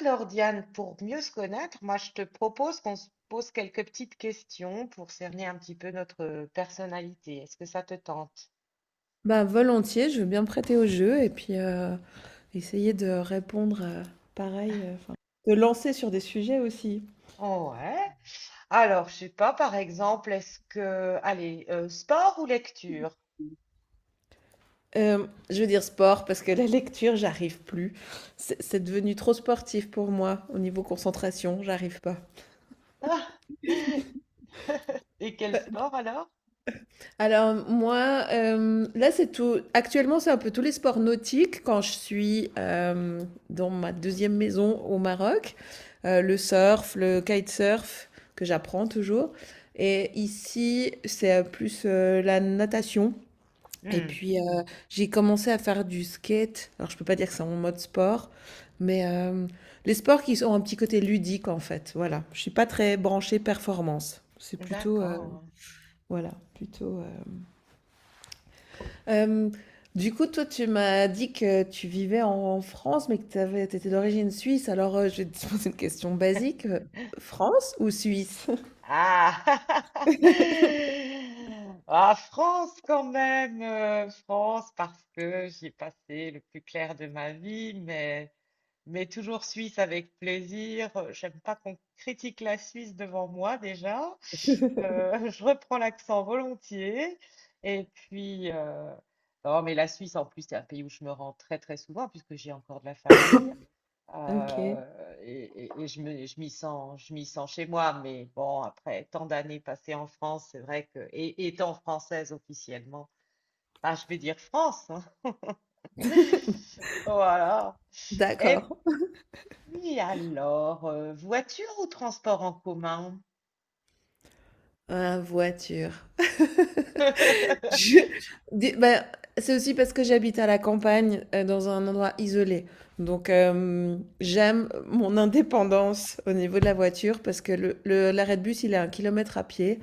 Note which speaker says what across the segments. Speaker 1: Alors Diane, pour mieux se connaître, moi je te propose qu'on se pose quelques petites questions pour cerner un petit peu notre personnalité. Est-ce que ça te tente?
Speaker 2: Bah, volontiers, je veux bien me prêter au jeu et puis, essayer de répondre, pareil, enfin, de lancer sur des sujets aussi.
Speaker 1: Ouais. Alors, je sais pas, par exemple, est-ce que... Allez, sport ou lecture?
Speaker 2: Je veux dire sport parce que la lecture, j'arrive plus. C'est devenu trop sportif pour moi au niveau concentration, j'arrive pas.
Speaker 1: Et quel sport alors?
Speaker 2: Alors moi, là c'est tout. Actuellement c'est un peu tous les sports nautiques. Quand je suis dans ma deuxième maison au Maroc, le surf, le kitesurf que j'apprends toujours. Et ici c'est plus la natation. Et
Speaker 1: Hmm,
Speaker 2: puis j'ai commencé à faire du skate. Alors je peux pas dire que c'est mon mode sport, mais les sports qui ont un petit côté ludique en fait. Voilà. Je suis pas très branchée performance. C'est plutôt euh,
Speaker 1: d'accord.
Speaker 2: voilà plutôt. euh, Hem, du coup, toi, tu m'as dit que tu vivais en France, mais que tu étais d'origine suisse. Alors, je vais te poser une question basique, France ou Suisse?
Speaker 1: Ah! Ah, France quand même, France parce que j'y ai passé le plus clair de ma vie, mais toujours Suisse avec plaisir. J'aime pas qu'on critique la Suisse devant moi déjà. Je reprends l'accent volontiers. Et puis, non, mais la Suisse en plus, c'est un pays où je me rends très très souvent puisque j'ai encore de la famille.
Speaker 2: OK,
Speaker 1: Euh, je m'y sens chez moi, mais bon, après tant d'années passées en France, c'est vrai que, et étant française officiellement, bah, je vais dire France, hein. Voilà.
Speaker 2: d'accord.
Speaker 1: Et puis alors, voiture ou transport en commun?
Speaker 2: Ah, voiture. Je dis ben, c'est aussi parce que j'habite à la campagne, dans un endroit isolé. Donc, j'aime mon indépendance au niveau de la voiture parce que le l'arrêt de bus, il est à un kilomètre à pied.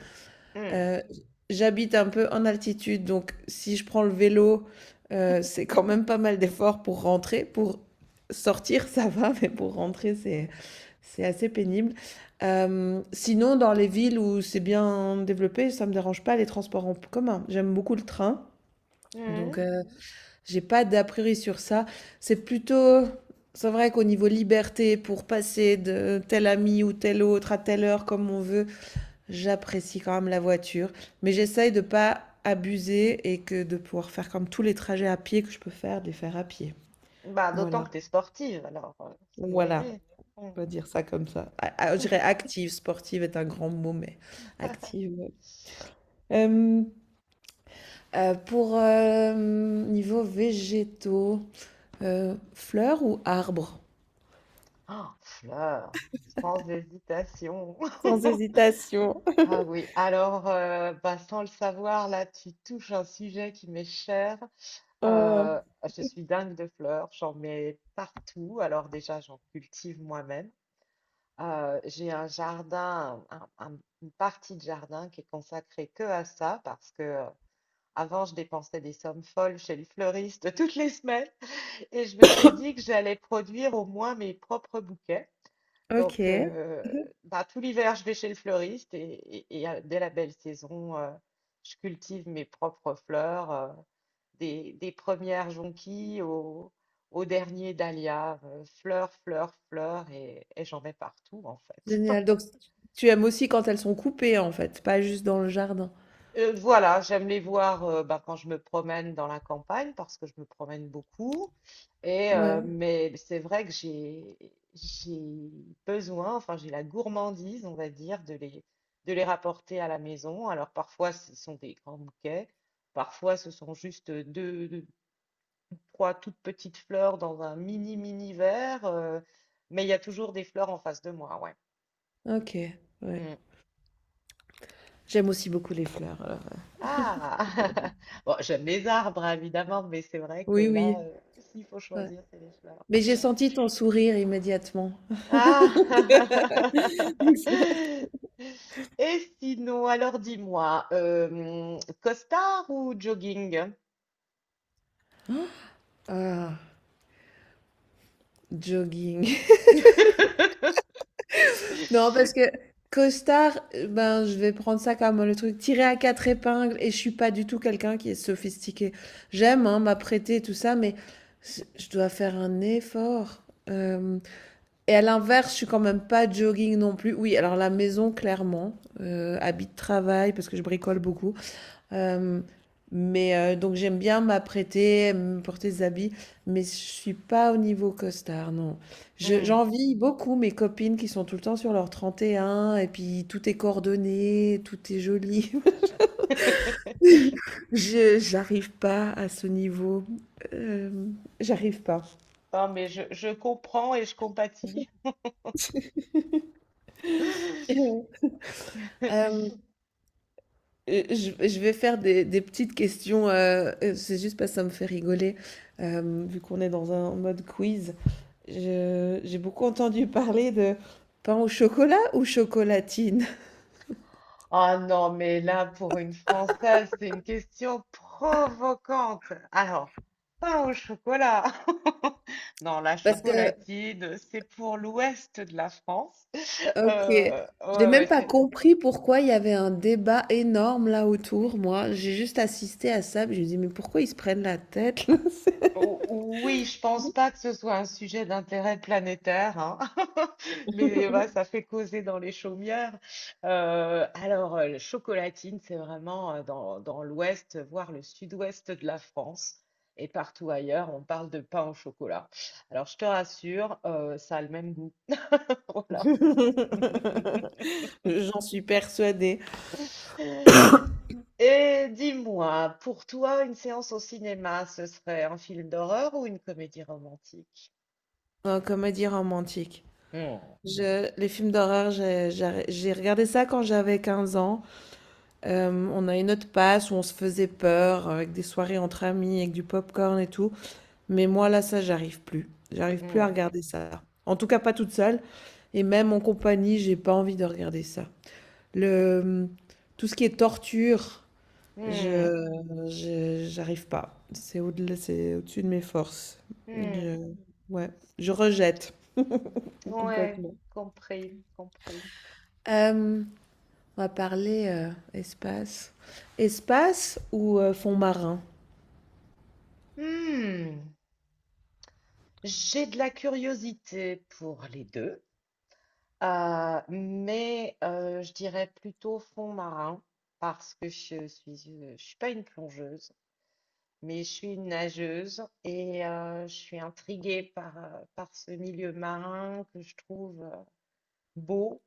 Speaker 2: Heu, J'habite un peu en altitude, donc si je prends le vélo, c'est quand même pas mal d'efforts pour rentrer. Pour sortir, ça va, mais pour rentrer, c'est assez pénible. Sinon, dans les villes où c'est bien développé, ça me dérange pas les transports en commun. J'aime beaucoup le train,
Speaker 1: Hmm, hmm.
Speaker 2: donc j'ai pas d'a priori sur ça. C'est plutôt c'est vrai qu'au niveau liberté pour passer de tel ami ou tel autre à telle heure comme on veut, j'apprécie quand même la voiture, mais j'essaye de ne pas abuser et que de pouvoir faire comme tous les trajets à pied que je peux faire, de les faire à pied.
Speaker 1: Bah, d'autant que
Speaker 2: Voilà,
Speaker 1: t'es sportive, alors ça doit
Speaker 2: voilà,
Speaker 1: aider. Hmm.
Speaker 2: on va dire ça comme ça. Je dirais active, sportive est un grand mot, mais active. Ouais. Euh, pour Niveau végétaux, fleurs ou arbres?
Speaker 1: Oh, fleur, sans hésitation.
Speaker 2: Sans hésitation.
Speaker 1: Ah oui, alors bah, sans le savoir, là tu touches un sujet qui m'est cher.
Speaker 2: Oh,
Speaker 1: Euh, je suis dingue de fleurs, j'en mets partout. Alors déjà, j'en cultive moi-même. J'ai un jardin, une partie de jardin qui est consacrée que à ça parce que avant, je dépensais des sommes folles chez le fleuriste toutes les semaines et je me suis dit que j'allais produire au moins mes propres bouquets. Donc,
Speaker 2: ok,
Speaker 1: bah, tout l'hiver, je vais chez le fleuriste et dès la belle saison, je cultive mes propres fleurs, des premières jonquilles au, au dernier dahlia, fleurs, fleurs, fleurs, et j'en mets partout en fait.
Speaker 2: génial. Donc tu aimes aussi quand elles sont coupées en fait, pas juste dans le jardin.
Speaker 1: Voilà, j'aime les voir, bah, quand je me promène dans la campagne parce que je me promène beaucoup et
Speaker 2: Ouais,
Speaker 1: mais c'est vrai que j'ai besoin, enfin j'ai la gourmandise, on va dire, de les rapporter à la maison. Alors parfois ce sont des grands bouquets, parfois ce sont juste trois toutes petites fleurs dans un mini verre, mais il y a toujours des fleurs en face de moi, ouais.
Speaker 2: ok, ouais.
Speaker 1: Mmh.
Speaker 2: J'aime aussi beaucoup les fleurs, alors,
Speaker 1: Ah! Bon, j'aime les arbres, hein, évidemment, mais c'est vrai que
Speaker 2: oui,
Speaker 1: là,
Speaker 2: oui,
Speaker 1: s'il faut
Speaker 2: ouais.
Speaker 1: choisir, c'est les fleurs.
Speaker 2: Mais j'ai senti ton sourire immédiatement.
Speaker 1: Ah! Et sinon, alors dis-moi, costard ou jogging?
Speaker 2: Ah, jogging. Non, parce que costard, ben, je vais prendre ça comme le truc tiré à 4 épingles et je suis pas du tout quelqu'un qui est sophistiqué. J'aime, hein, m'apprêter et tout ça, mais je dois faire un effort, hem et à l'inverse, je suis quand même pas jogging non plus. Oui, alors la maison clairement, habit de travail parce que je bricole beaucoup. Euh, donc j'aime bien m'apprêter, me porter des habits, mais je suis pas au niveau costard, non.
Speaker 1: Hmm.
Speaker 2: J'envie beaucoup mes copines qui sont tout le temps sur leur trente et un et puis tout est coordonné, tout est joli. Je J'arrive pas à ce niveau. Euh, J'arrive pas.
Speaker 1: Non, mais je comprends et je compatis.
Speaker 2: Euh, je vais faire des petites questions, c'est juste parce que ça me fait rigoler, vu qu'on est dans un mode quiz. J'ai beaucoup entendu parler de pain au chocolat ou chocolatine.
Speaker 1: Ah non, mais là, pour une Française, c'est une question provocante. Alors, pain au chocolat. Non, la
Speaker 2: Parce que,
Speaker 1: chocolatine, c'est pour l'ouest de la France.
Speaker 2: ok,
Speaker 1: Euh,
Speaker 2: j'ai
Speaker 1: ouais, ouais,
Speaker 2: même pas
Speaker 1: c'est
Speaker 2: compris pourquoi il y avait un débat énorme là autour, moi. J'ai juste assisté à ça, puis je me dis, mais pourquoi ils se prennent la tête, là. C'est-
Speaker 1: O- Oui, je pense pas que ce soit un sujet d'intérêt planétaire, hein. Mais bah, ça fait causer dans les chaumières. Alors, le chocolatine, c'est vraiment dans l'ouest, voire le sud-ouest de la France. Et partout ailleurs, on parle de pain au chocolat. Alors, je te rassure, ça a le même goût. Voilà.
Speaker 2: J'en suis persuadée.
Speaker 1: Et dis-moi, pour toi, une séance au cinéma, ce serait un film d'horreur ou une comédie romantique?
Speaker 2: Comédie romantique.
Speaker 1: Hmm,
Speaker 2: Les films d'horreur, j'ai regardé ça quand j'avais 15 ans. On a une autre passe où on se faisait peur avec des soirées entre amis, avec du popcorn et tout. Mais moi, là, ça, j'arrive plus. J'arrive plus à
Speaker 1: hmm,
Speaker 2: regarder ça. En tout cas, pas toute seule. Et même en compagnie, j'ai pas envie de regarder ça. Le, Tout ce qui est torture,
Speaker 1: hmm,
Speaker 2: je, j'arrive pas. C'est au-delà, c'est au-dessus de mes forces. Je,
Speaker 1: hmm.
Speaker 2: ouais, je rejette
Speaker 1: Ouais,
Speaker 2: complètement.
Speaker 1: compris, compris.
Speaker 2: Euh, on va parler espace. Espace ou fond marin?
Speaker 1: Hmm, j'ai de la curiosité pour les deux, mais je dirais plutôt fond marin parce que je suis pas une plongeuse, mais je suis une nageuse et je suis intriguée par, par ce milieu marin que je trouve beau,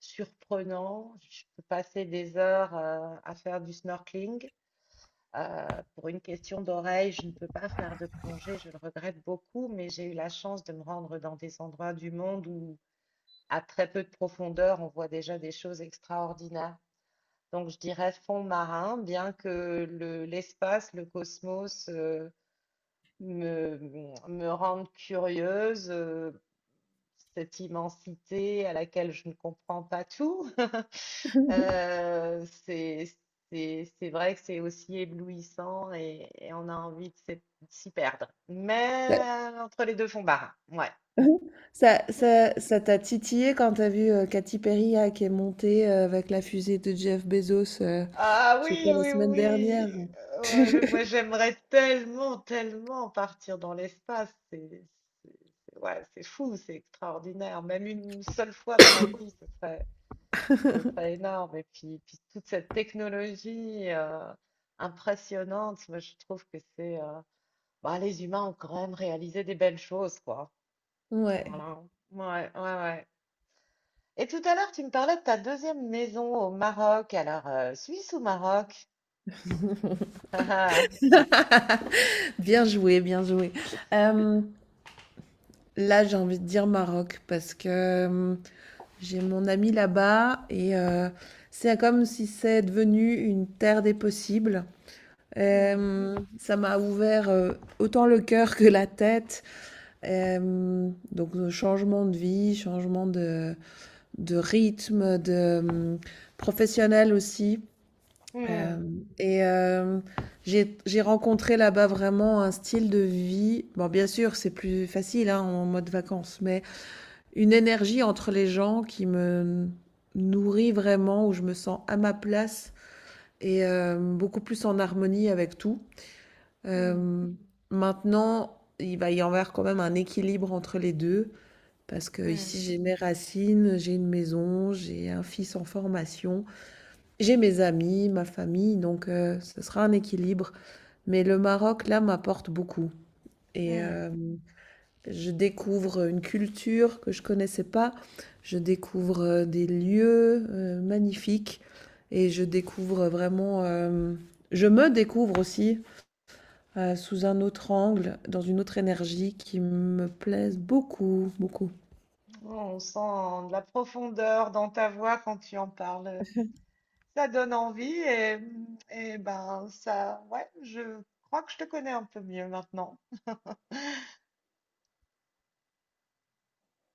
Speaker 1: surprenant. Je peux passer des heures à faire du snorkeling. Pour une question d'oreille, je ne peux pas faire de plongée, je le regrette beaucoup, mais j'ai eu la chance de me rendre dans des endroits du monde où, à très peu de profondeur, on voit déjà des choses extraordinaires. Donc, je dirais fond marin, bien que l'espace, le cosmos, me, me rendent curieuse. Cette immensité à laquelle je ne comprends pas tout. Euh, c'est, c'est vrai que c'est aussi éblouissant et on a envie de s'y perdre. Mais entre les deux fonds marins, ouais.
Speaker 2: Ça t'a titillé quand t'as vu, Katy Perry là, qui est montée, avec la fusée de Jeff Bezos,
Speaker 1: Ah
Speaker 2: je sais
Speaker 1: oui,
Speaker 2: pas, la
Speaker 1: oui,
Speaker 2: semaine
Speaker 1: oui.
Speaker 2: dernière?
Speaker 1: Ouais, mais moi j'aimerais tellement, tellement partir dans l'espace. C'est- ouais, c'est fou, c'est extraordinaire. Même une seule fois dans ma vie, ce serait, ce serait énorme. Et puis, puis toute cette technologie impressionnante, moi, je trouve que c'est... bah, les humains ont quand même réalisé des belles choses, quoi.
Speaker 2: Ouais.
Speaker 1: Voilà. Ouais, ouais, ouais. Et tout à l'heure, tu me parlais de ta deuxième maison au Maroc. Alors, Suisse ou Maroc?
Speaker 2: Bien joué, bien joué. Hem, Là, j'ai envie de dire Maroc parce que, j'ai mon ami là-bas et c'est comme si c'est devenu une terre des possibles.
Speaker 1: Hmm,
Speaker 2: Ça m'a ouvert, autant le cœur que la tête. Donc, changement de vie, changement de rythme, de professionnel aussi.
Speaker 1: hmm,
Speaker 2: Euh, et euh, j'ai rencontré là-bas vraiment un style de vie. Bon, bien sûr, c'est plus facile hein, en mode vacances, mais une énergie entre les gens qui me nourrit vraiment, où je me sens à ma place et beaucoup plus en harmonie avec tout.
Speaker 1: hmm,
Speaker 2: Euh, Maintenant, il va y avoir quand même un équilibre entre les deux. Parce que ici
Speaker 1: hmm,
Speaker 2: j'ai mes racines, j'ai une maison, j'ai un fils en formation, j'ai mes amis, ma famille, donc ce sera un équilibre. Mais le Maroc, là, m'apporte beaucoup. Et
Speaker 1: hmm.
Speaker 2: euh, je découvre une culture que je connaissais pas, je découvre des lieux magnifiques et je découvre vraiment, je me découvre aussi sous un autre angle, dans une autre énergie qui me plaise beaucoup, beaucoup.
Speaker 1: Oh, on sent de la profondeur dans ta voix quand tu en parles. Ça donne envie et ben ça, ouais, je crois que je te connais un peu mieux maintenant.